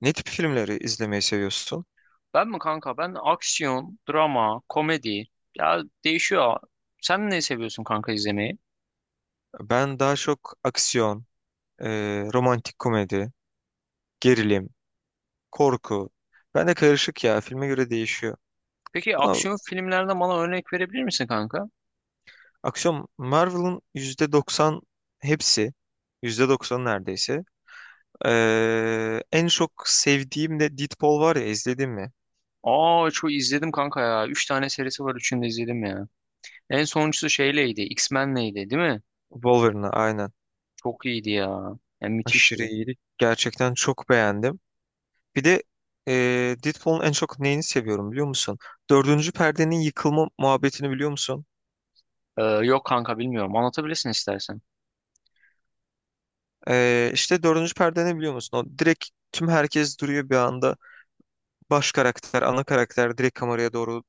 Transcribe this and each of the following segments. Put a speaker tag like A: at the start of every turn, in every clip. A: Ne tip filmleri izlemeyi seviyorsun?
B: Ben mi kanka? Ben aksiyon, drama, komedi. Ya değişiyor. Sen ne seviyorsun kanka izlemeyi?
A: Ben daha çok aksiyon, e, romantik komedi, gerilim, korku. Ben de karışık ya. Filme göre değişiyor.
B: Peki
A: Ama
B: aksiyon filmlerden bana örnek verebilir misin kanka?
A: aksiyon Marvel'ın %90 hepsi. Yüzde doksan neredeyse. En çok sevdiğim de Deadpool var ya, izledin mi?
B: Aa çok izledim kanka ya. Üç tane serisi var. Üçünü de izledim ya. En sonuncusu şeyleydi. X-Men'leydi değil mi?
A: Wolverine'ı aynen.
B: Çok iyiydi ya. Yani müthişti.
A: Aşırı iyiydi. Gerçekten çok beğendim. Bir de e, Deadpool'un en çok neyini seviyorum biliyor musun? Dördüncü perdenin yıkılma muhabbetini biliyor musun?
B: Yok kanka bilmiyorum. Anlatabilirsin istersen.
A: İşte dördüncü perde ne biliyor musun? O direkt tüm herkes duruyor bir anda. Baş karakter, ana karakter direkt kameraya doğru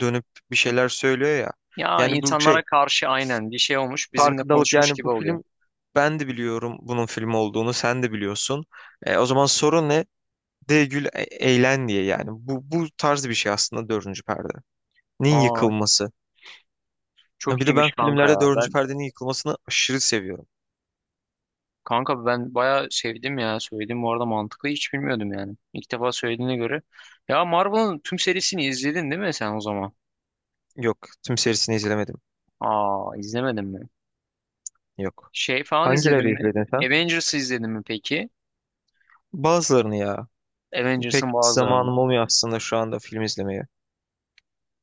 A: dönüp bir şeyler söylüyor ya.
B: Ya
A: Yani bu şey,
B: insanlara karşı aynen bir şey olmuş. Bizimle
A: farkındalık.
B: konuşmuş
A: Yani
B: gibi
A: bu
B: oluyor.
A: film, ben de biliyorum bunun film olduğunu, sen de biliyorsun. O zaman sorun ne? De gül, eğlen diye yani. Bu tarz bir şey aslında dördüncü perdenin
B: Aa
A: yıkılması. Yani
B: çok
A: bir de ben
B: iyiymiş kanka
A: filmlerde
B: ya.
A: dördüncü
B: Ben
A: perdenin yıkılmasını aşırı seviyorum.
B: kanka ben bayağı sevdim ya. Söyledim bu arada mantıklı hiç bilmiyordum yani. İlk defa söylediğine göre. Ya Marvel'ın tüm serisini izledin değil mi sen o zaman?
A: Yok, tüm serisini izlemedim.
B: Aa izlemedin mi?
A: Yok.
B: Şey falan izledin
A: Hangileri
B: mi?
A: izledin sen?
B: Avengers'ı izledin mi peki?
A: Bazılarını ya. Pek
B: Avengers'ın bazılarını.
A: zamanım olmuyor aslında şu anda film izlemeye.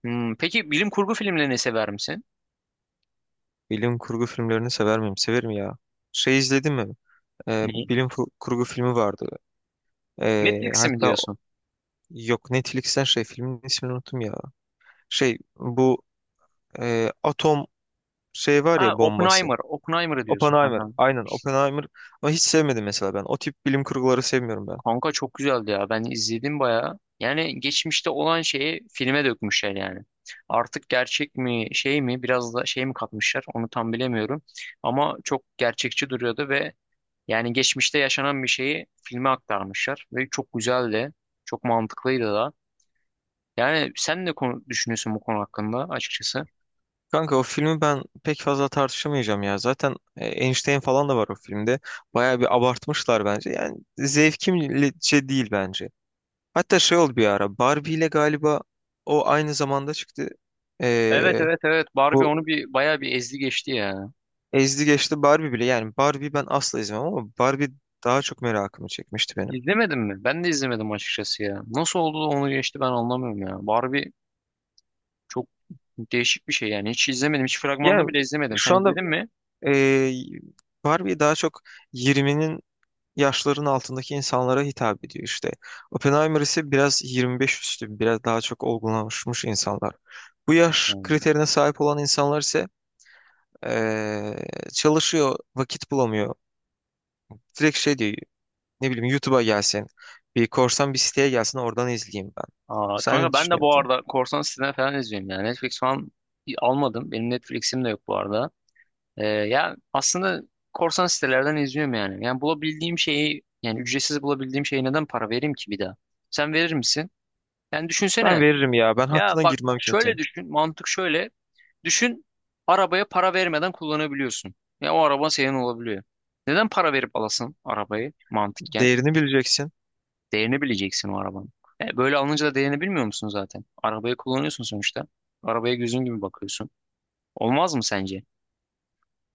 B: Hmm, peki bilim kurgu filmlerini sever misin?
A: Bilim kurgu filmlerini sever miyim? Severim ya. Şey izledin mi?
B: Neyi?
A: Bilim kurgu filmi vardı.
B: Matrix'i mi
A: Hatta
B: diyorsun?
A: yok, Netflix'ten şey, filmin ismini unuttum ya. Şey, bu, atom şey var
B: Ha
A: ya, bombası.
B: Oppenheimer. Oppenheimer'ı diyorsun
A: Oppenheimer.
B: kanka.
A: Aynen, Oppenheimer. Ama hiç sevmedim mesela ben. O tip bilim kurguları sevmiyorum ben.
B: Kanka çok güzeldi ya. Ben izledim bayağı. Yani geçmişte olan şeyi filme dökmüşler yani. Artık gerçek mi şey mi biraz da şey mi katmışlar onu tam bilemiyorum. Ama çok gerçekçi duruyordu ve yani geçmişte yaşanan bir şeyi filme aktarmışlar. Ve çok güzeldi. Çok mantıklıydı da. Yani sen ne konu düşünüyorsun bu konu hakkında açıkçası?
A: Kanka, o filmi ben pek fazla tartışamayacağım ya. Zaten Einstein falan da var o filmde. Bayağı bir abartmışlar bence. Yani zevkimce değil bence. Hatta şey oldu bir ara. Barbie ile galiba o aynı zamanda çıktı.
B: Evet
A: Ee,
B: evet evet Barbie
A: Bu
B: onu bir bayağı bir ezdi geçti ya.
A: ezdi geçti Barbie bile. Yani Barbie ben asla izlemem ama Barbie daha çok merakımı çekmişti benim.
B: İzlemedin mi? Ben de izlemedim açıkçası ya. Nasıl oldu da onu geçti ben anlamıyorum ya. Barbie çok değişik bir şey yani. Hiç izlemedim. Hiç fragmanını
A: Yani
B: bile izlemedim. Sen
A: şu anda
B: izledin mi?
A: ee, Barbie daha çok 20'nin yaşların altındaki insanlara hitap ediyor işte. Oppenheimer ise biraz 25 üstü, biraz daha çok olgunlaşmış insanlar. Bu yaş
B: Hmm.
A: kriterine sahip olan insanlar ise ee, çalışıyor, vakit bulamıyor. Direkt şey diyor. Ne bileyim, YouTube'a gelsin. Bir korsan bir siteye gelsin, oradan izleyeyim ben.
B: Aa,
A: Sen ne
B: kanka ben de bu
A: düşünüyorsun?
B: arada korsan siteden falan izliyorum yani. Netflix falan almadım. Benim Netflix'im de yok bu arada. Ya aslında korsan sitelerden izliyorum yani. Yani bulabildiğim şeyi yani ücretsiz bulabildiğim şeye neden para vereyim ki bir daha? Sen verir misin? Yani
A: Ben
B: düşünsene.
A: veririm ya. Ben
B: Ya
A: hakkına
B: bak
A: girmem
B: şöyle
A: kimsenin.
B: düşün. Mantık şöyle. Düşün arabaya para vermeden kullanabiliyorsun. Ya o araba senin olabiliyor. Neden para verip alasın arabayı mantıken?
A: Değerini bileceksin.
B: Değerini bileceksin o arabanın. E, böyle alınca da değerini bilmiyor musun zaten? Arabayı kullanıyorsun sonuçta. Arabaya gözün gibi bakıyorsun. Olmaz mı sence?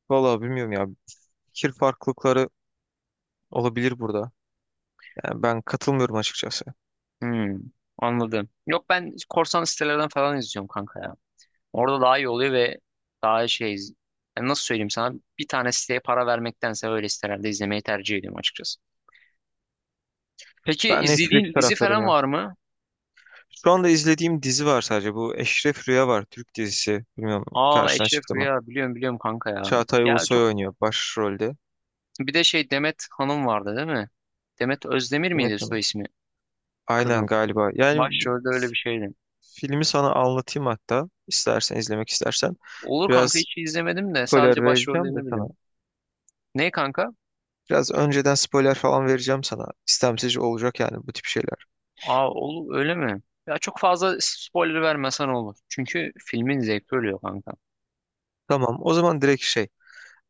A: Vallahi bilmiyorum ya. Fikir farklılıkları olabilir burada. Yani ben katılmıyorum açıkçası.
B: Hmm, anladım. Yok ben korsan sitelerden falan izliyorum kanka ya. Orada daha iyi oluyor ve daha şey yani nasıl söyleyeyim sana bir tane siteye para vermektense öyle sitelerde izlemeyi tercih ediyorum açıkçası. Peki
A: Ben Netflix
B: izlediğin dizi
A: taraftarıyım
B: falan
A: ya.
B: var mı?
A: Şu anda izlediğim dizi var sadece. Bu Eşref Rüya var. Türk dizisi. Bilmiyorum,
B: Aa
A: karşına
B: Eşref
A: çıktı mı?
B: Rüya biliyorum kanka ya.
A: Çağatay
B: Ya çok
A: Ulusoy oynuyor başrolde.
B: bir de şey Demet Hanım vardı değil mi? Demet Özdemir miydi
A: Demet
B: soy
A: Hanım.
B: ismi?
A: Aynen
B: Kızın.
A: galiba. Yani bu
B: Başrolde öyle bir şeydi.
A: filmi sana anlatayım hatta. İstersen, izlemek istersen.
B: Olur kanka
A: Biraz
B: hiç izlemedim de sadece
A: spoiler vereceğim de
B: başrollerini
A: sana.
B: biliyorum. Ne kanka?
A: Biraz önceden spoiler falan vereceğim sana. İstemsiz olacak yani bu tip şeyler.
B: Aa olur öyle mi? Ya çok fazla spoiler vermesen olur. Çünkü filmin zevki ölüyor kanka.
A: Tamam, o zaman direkt şey.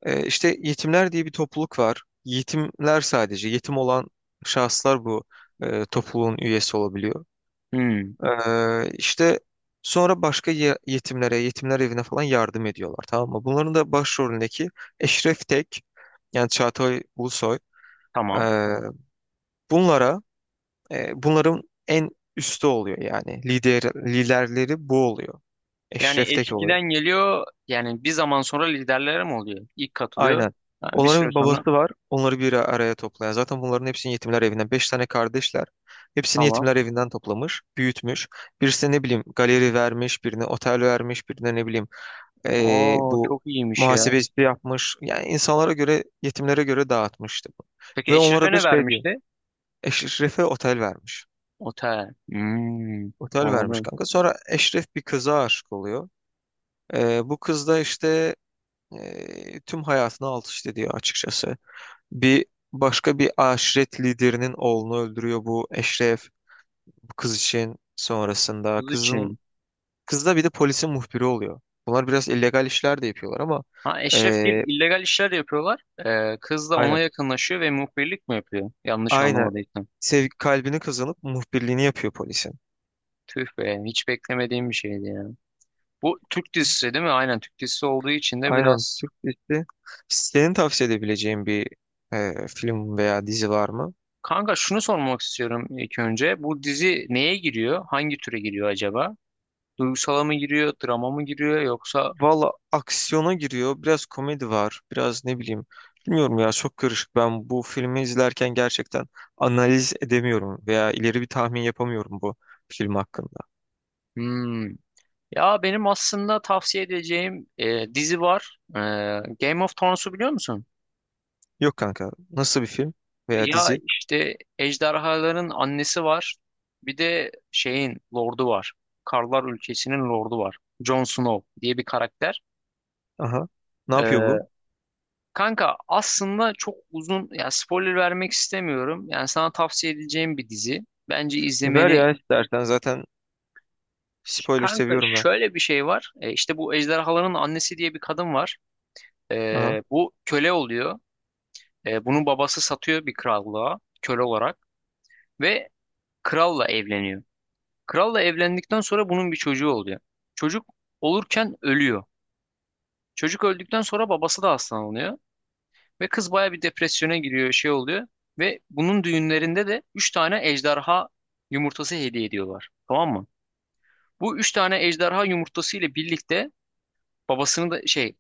A: İşte yetimler diye bir topluluk var. Yetimler sadece. Yetim olan şahıslar bu topluluğun üyesi olabiliyor.
B: Hmm,
A: İşte sonra başka yetimlere, yetimler evine falan yardım ediyorlar, tamam mı? Bunların da başrolündeki Eşref Tek, yani Çağatay Ulusoy. ee,
B: tamam.
A: bunlara bunların en üstü oluyor yani. Lider, liderleri bu oluyor. Eşref
B: Yani
A: Tek oluyor.
B: eskiden geliyor yani bir zaman sonra liderlere mi oluyor? İlk katılıyor.
A: Aynen.
B: Ha, bir süre
A: Onların bir
B: sonra
A: babası var. Onları bir araya toplayan. Zaten bunların hepsini yetimler evinden. Beş tane kardeşler. Hepsini
B: tamam.
A: yetimler evinden toplamış, büyütmüş. Birisine ne bileyim galeri vermiş, birine otel vermiş, birine ne bileyim e,
B: Oo
A: bu
B: çok iyiymiş ya.
A: muhasebeci yapmış. Yani insanlara göre, yetimlere göre dağıtmıştı bu.
B: Peki
A: Ve
B: Eşref'e
A: onlara da
B: ne
A: şey diyor.
B: vermişti?
A: Eşref'e otel vermiş.
B: Otel. Hmm,
A: Otel vermiş
B: anladım.
A: kanka. Sonra Eşref bir kıza aşık oluyor. Bu kız da işte tüm hayatını alt üst ediyor açıkçası. Bir Başka bir aşiret liderinin oğlunu öldürüyor bu Eşref, bu kız için sonrasında.
B: Kız için.
A: Kız da bir de polisin muhbiri oluyor. Bunlar biraz illegal işler de yapıyorlar ama
B: Ha Eşrefgil
A: e,
B: illegal işler yapıyorlar. Kız da ona
A: aynen
B: yakınlaşıyor ve muhbirlik mi yapıyor? Yanlış
A: aynen,
B: anlamadıysam.
A: sev kalbini kazanıp muhbirliğini yapıyor polisin.
B: Tüh be hiç beklemediğim bir şeydi ya. Bu Türk dizisi değil mi? Aynen Türk dizisi olduğu için de
A: Aynen,
B: biraz...
A: Türk dizisi. Senin tavsiye edebileceğin bir film veya dizi var mı?
B: Kanka şunu sormak istiyorum ilk önce. Bu dizi neye giriyor? Hangi türe giriyor acaba? Duygusala mı giriyor? Drama mı giriyor? Yoksa...
A: Valla aksiyona giriyor. Biraz komedi var. Biraz ne bileyim. Bilmiyorum ya, çok karışık. Ben bu filmi izlerken gerçekten analiz edemiyorum veya ileri bir tahmin yapamıyorum bu film hakkında.
B: Hmm. Ya benim aslında tavsiye edeceğim dizi var. Game of Thrones'u biliyor musun?
A: Yok kanka. Nasıl bir film veya
B: Ya
A: dizi?
B: işte ejderhaların annesi var. Bir de şeyin lordu var. Karlar ülkesinin lordu var. Jon Snow diye bir karakter.
A: Aha. Ne yapıyor
B: Ee,
A: bu?
B: Kanka aslında çok uzun ya spoiler vermek istemiyorum. Yani sana tavsiye edeceğim bir dizi. Bence
A: E ver
B: izlemeni
A: ya istersen. Zaten spoiler
B: kanka
A: seviyorum ben.
B: şöyle bir şey var. İşte bu ejderhaların annesi diye bir kadın var.
A: Aha.
B: Bu köle oluyor. Bunun babası satıyor bir krallığa köle olarak ve kralla evleniyor. Kralla evlendikten sonra bunun bir çocuğu oluyor. Çocuk olurken ölüyor. Çocuk öldükten sonra babası da hastalanıyor. Ve kız baya bir depresyona giriyor, şey oluyor. Ve bunun düğünlerinde de 3 tane ejderha yumurtası hediye ediyorlar. Tamam mı? Bu 3 tane ejderha yumurtası ile birlikte babasını da şey,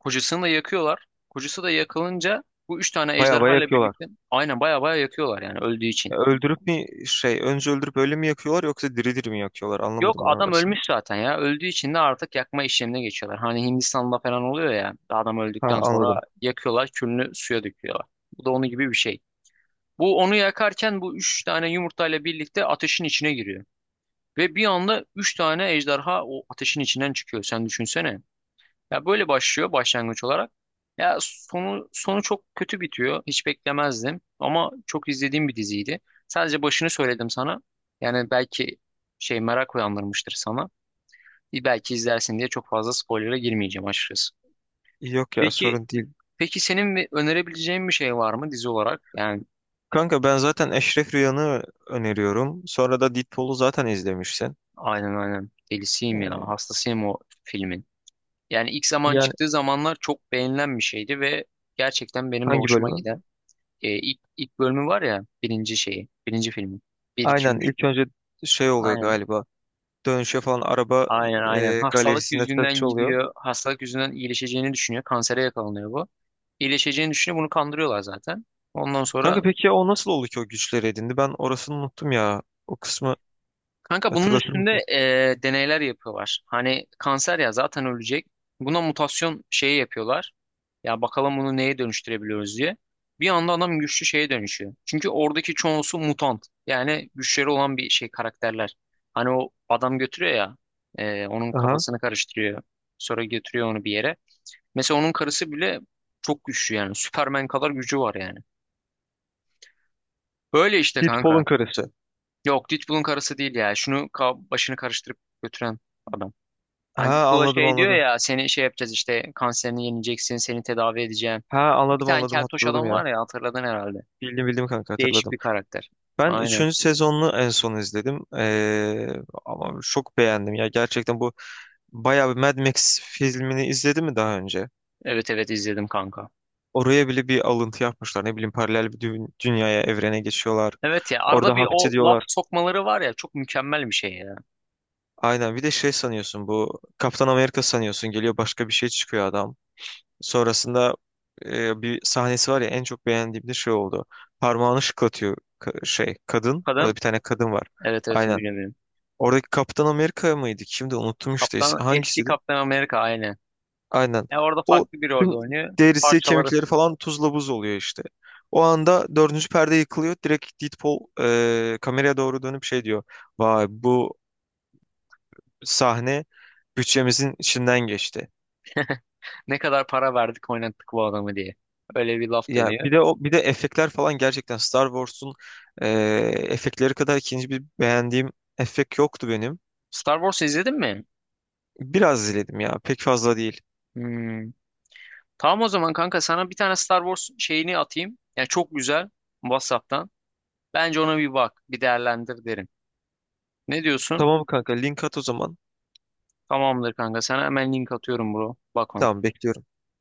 B: kocasını da yakıyorlar. Kocası da yakılınca bu 3 tane
A: Baya baya
B: ejderha ile
A: yakıyorlar.
B: birlikte aynen baya baya yakıyorlar yani öldüğü için.
A: Ya öldürüp mi, şey, önce öldürüp öyle mi yakıyorlar yoksa diri diri mi yakıyorlar?
B: Yok
A: Anlamadım ben
B: adam
A: orasını.
B: ölmüş zaten ya. Öldüğü için de artık yakma işlemine geçiyorlar. Hani Hindistan'da falan oluyor ya. Adam
A: Ha,
B: öldükten sonra
A: anladım.
B: yakıyorlar, külünü suya döküyorlar. Bu da onun gibi bir şey. Bu onu yakarken bu üç tane yumurtayla birlikte ateşin içine giriyor. Ve bir anda üç tane ejderha o ateşin içinden çıkıyor. Sen düşünsene. Ya böyle başlıyor başlangıç olarak. Ya sonu çok kötü bitiyor. Hiç beklemezdim. Ama çok izlediğim bir diziydi. Sadece başını söyledim sana. Yani belki şey merak uyandırmıştır sana. Bir belki izlersin diye çok fazla spoiler'a girmeyeceğim açıkçası.
A: Yok ya,
B: Peki
A: sorun değil.
B: peki senin bir önerebileceğin bir şey var mı dizi olarak? Yani
A: Kanka ben zaten Eşref Rüyan'ı öneriyorum. Sonra da Deadpool'u zaten izlemişsin.
B: aynen aynen delisiyim ya
A: Ee,
B: hastasıyım o filmin. Yani ilk zaman
A: Yani
B: çıktığı zamanlar çok beğenilen bir şeydi ve gerçekten benim de
A: hangi
B: hoşuma
A: bölümü?
B: giden ilk bölümü var ya birinci şeyi birinci filmi. Bir 2
A: Aynen
B: 3.
A: ilk önce şey oluyor
B: Aynen
A: galiba. Dönüşe falan araba,
B: aynen aynen hastalık
A: galerisinde satış
B: yüzünden
A: oluyor.
B: gidiyor hastalık yüzünden iyileşeceğini düşünüyor kansere yakalanıyor bu. İyileşeceğini düşünüyor bunu kandırıyorlar zaten. Ondan
A: Kanka
B: sonra
A: peki ya o nasıl oldu ki o güçleri edindi? Ben orasını unuttum ya. O kısmı
B: kanka bunun
A: hatırlatır
B: üstünde
A: mısın?
B: deneyler yapıyorlar. Hani kanser ya zaten ölecek. Buna mutasyon şeyi yapıyorlar. Ya bakalım bunu neye dönüştürebiliyoruz diye. Bir anda adam güçlü şeye dönüşüyor. Çünkü oradaki çoğusu mutant. Yani güçleri olan bir şey karakterler. Hani o adam götürüyor ya onun
A: Aha.
B: kafasını karıştırıyor. Sonra götürüyor onu bir yere. Mesela onun karısı bile çok güçlü yani. Superman kadar gücü var yani. Böyle işte
A: Deadpool'un
B: kanka.
A: karısı.
B: Yok Deadpool'un karısı değil ya. Şunu ka- başını karıştırıp götüren adam. Hani
A: Ha,
B: Deadpool'a
A: anladım
B: şey diyor
A: anladım.
B: ya seni şey yapacağız işte kanserini yeneceksin seni tedavi edeceğim.
A: Ha,
B: Bir
A: anladım
B: tane
A: anladım,
B: keltoş
A: hatırladım
B: adam
A: ya.
B: var ya hatırladın herhalde.
A: Bildim bildim kanka,
B: Değişik
A: hatırladım.
B: bir karakter.
A: Ben
B: Aynen.
A: üçüncü sezonunu en son izledim. Ama çok beğendim ya. Gerçekten bu, bayağı bir. Mad Max filmini izledi mi daha önce?
B: Evet evet izledim kanka.
A: Oraya bile bir alıntı yapmışlar. Ne bileyim, paralel bir dünyaya, evrene geçiyorlar.
B: Evet ya arada
A: Orada
B: bir
A: hapse
B: o laf
A: diyorlar.
B: sokmaları var ya çok mükemmel bir şey ya.
A: Aynen, bir de şey sanıyorsun, bu Kaptan Amerika sanıyorsun, geliyor başka bir şey çıkıyor adam. Sonrasında bir sahnesi var ya, en çok beğendiğim de şey oldu. Parmağını şıklatıyor kadın. Orada
B: Kadın
A: bir tane kadın var.
B: evet evet
A: Aynen.
B: biliyorum.
A: Oradaki Kaptan Amerika mıydı? Kimdi? Unuttum işte.
B: Kaptan eski
A: Hangisiydi?
B: Kaptan Amerika aynen.
A: Aynen.
B: E orada
A: O,
B: farklı bir rolde
A: tüm
B: oynuyor.
A: derisi,
B: Parçaları
A: kemikleri falan tuzla buz oluyor işte. O anda dördüncü perde yıkılıyor. Direkt Deadpool kameraya doğru dönüp şey diyor. Vay, bu sahne bütçemizin içinden geçti.
B: ne kadar para verdik oynattık bu adamı diye. Öyle bir laf
A: Yani
B: dönüyor.
A: bir de o, bir de efektler falan, gerçekten Star Wars'un e, efektleri kadar ikinci bir beğendiğim efekt yoktu benim.
B: Star Wars izledin mi?
A: Biraz izledim ya. Pek fazla değil.
B: Hmm. Tamam o zaman kanka sana bir tane Star Wars şeyini atayım. Yani çok güzel WhatsApp'tan. Bence ona bir bak, bir değerlendir derim. Ne diyorsun?
A: Tamam kanka, link at o zaman.
B: Tamamdır kanka. Sana hemen link atıyorum bro. Bak ona.
A: Tamam, bekliyorum.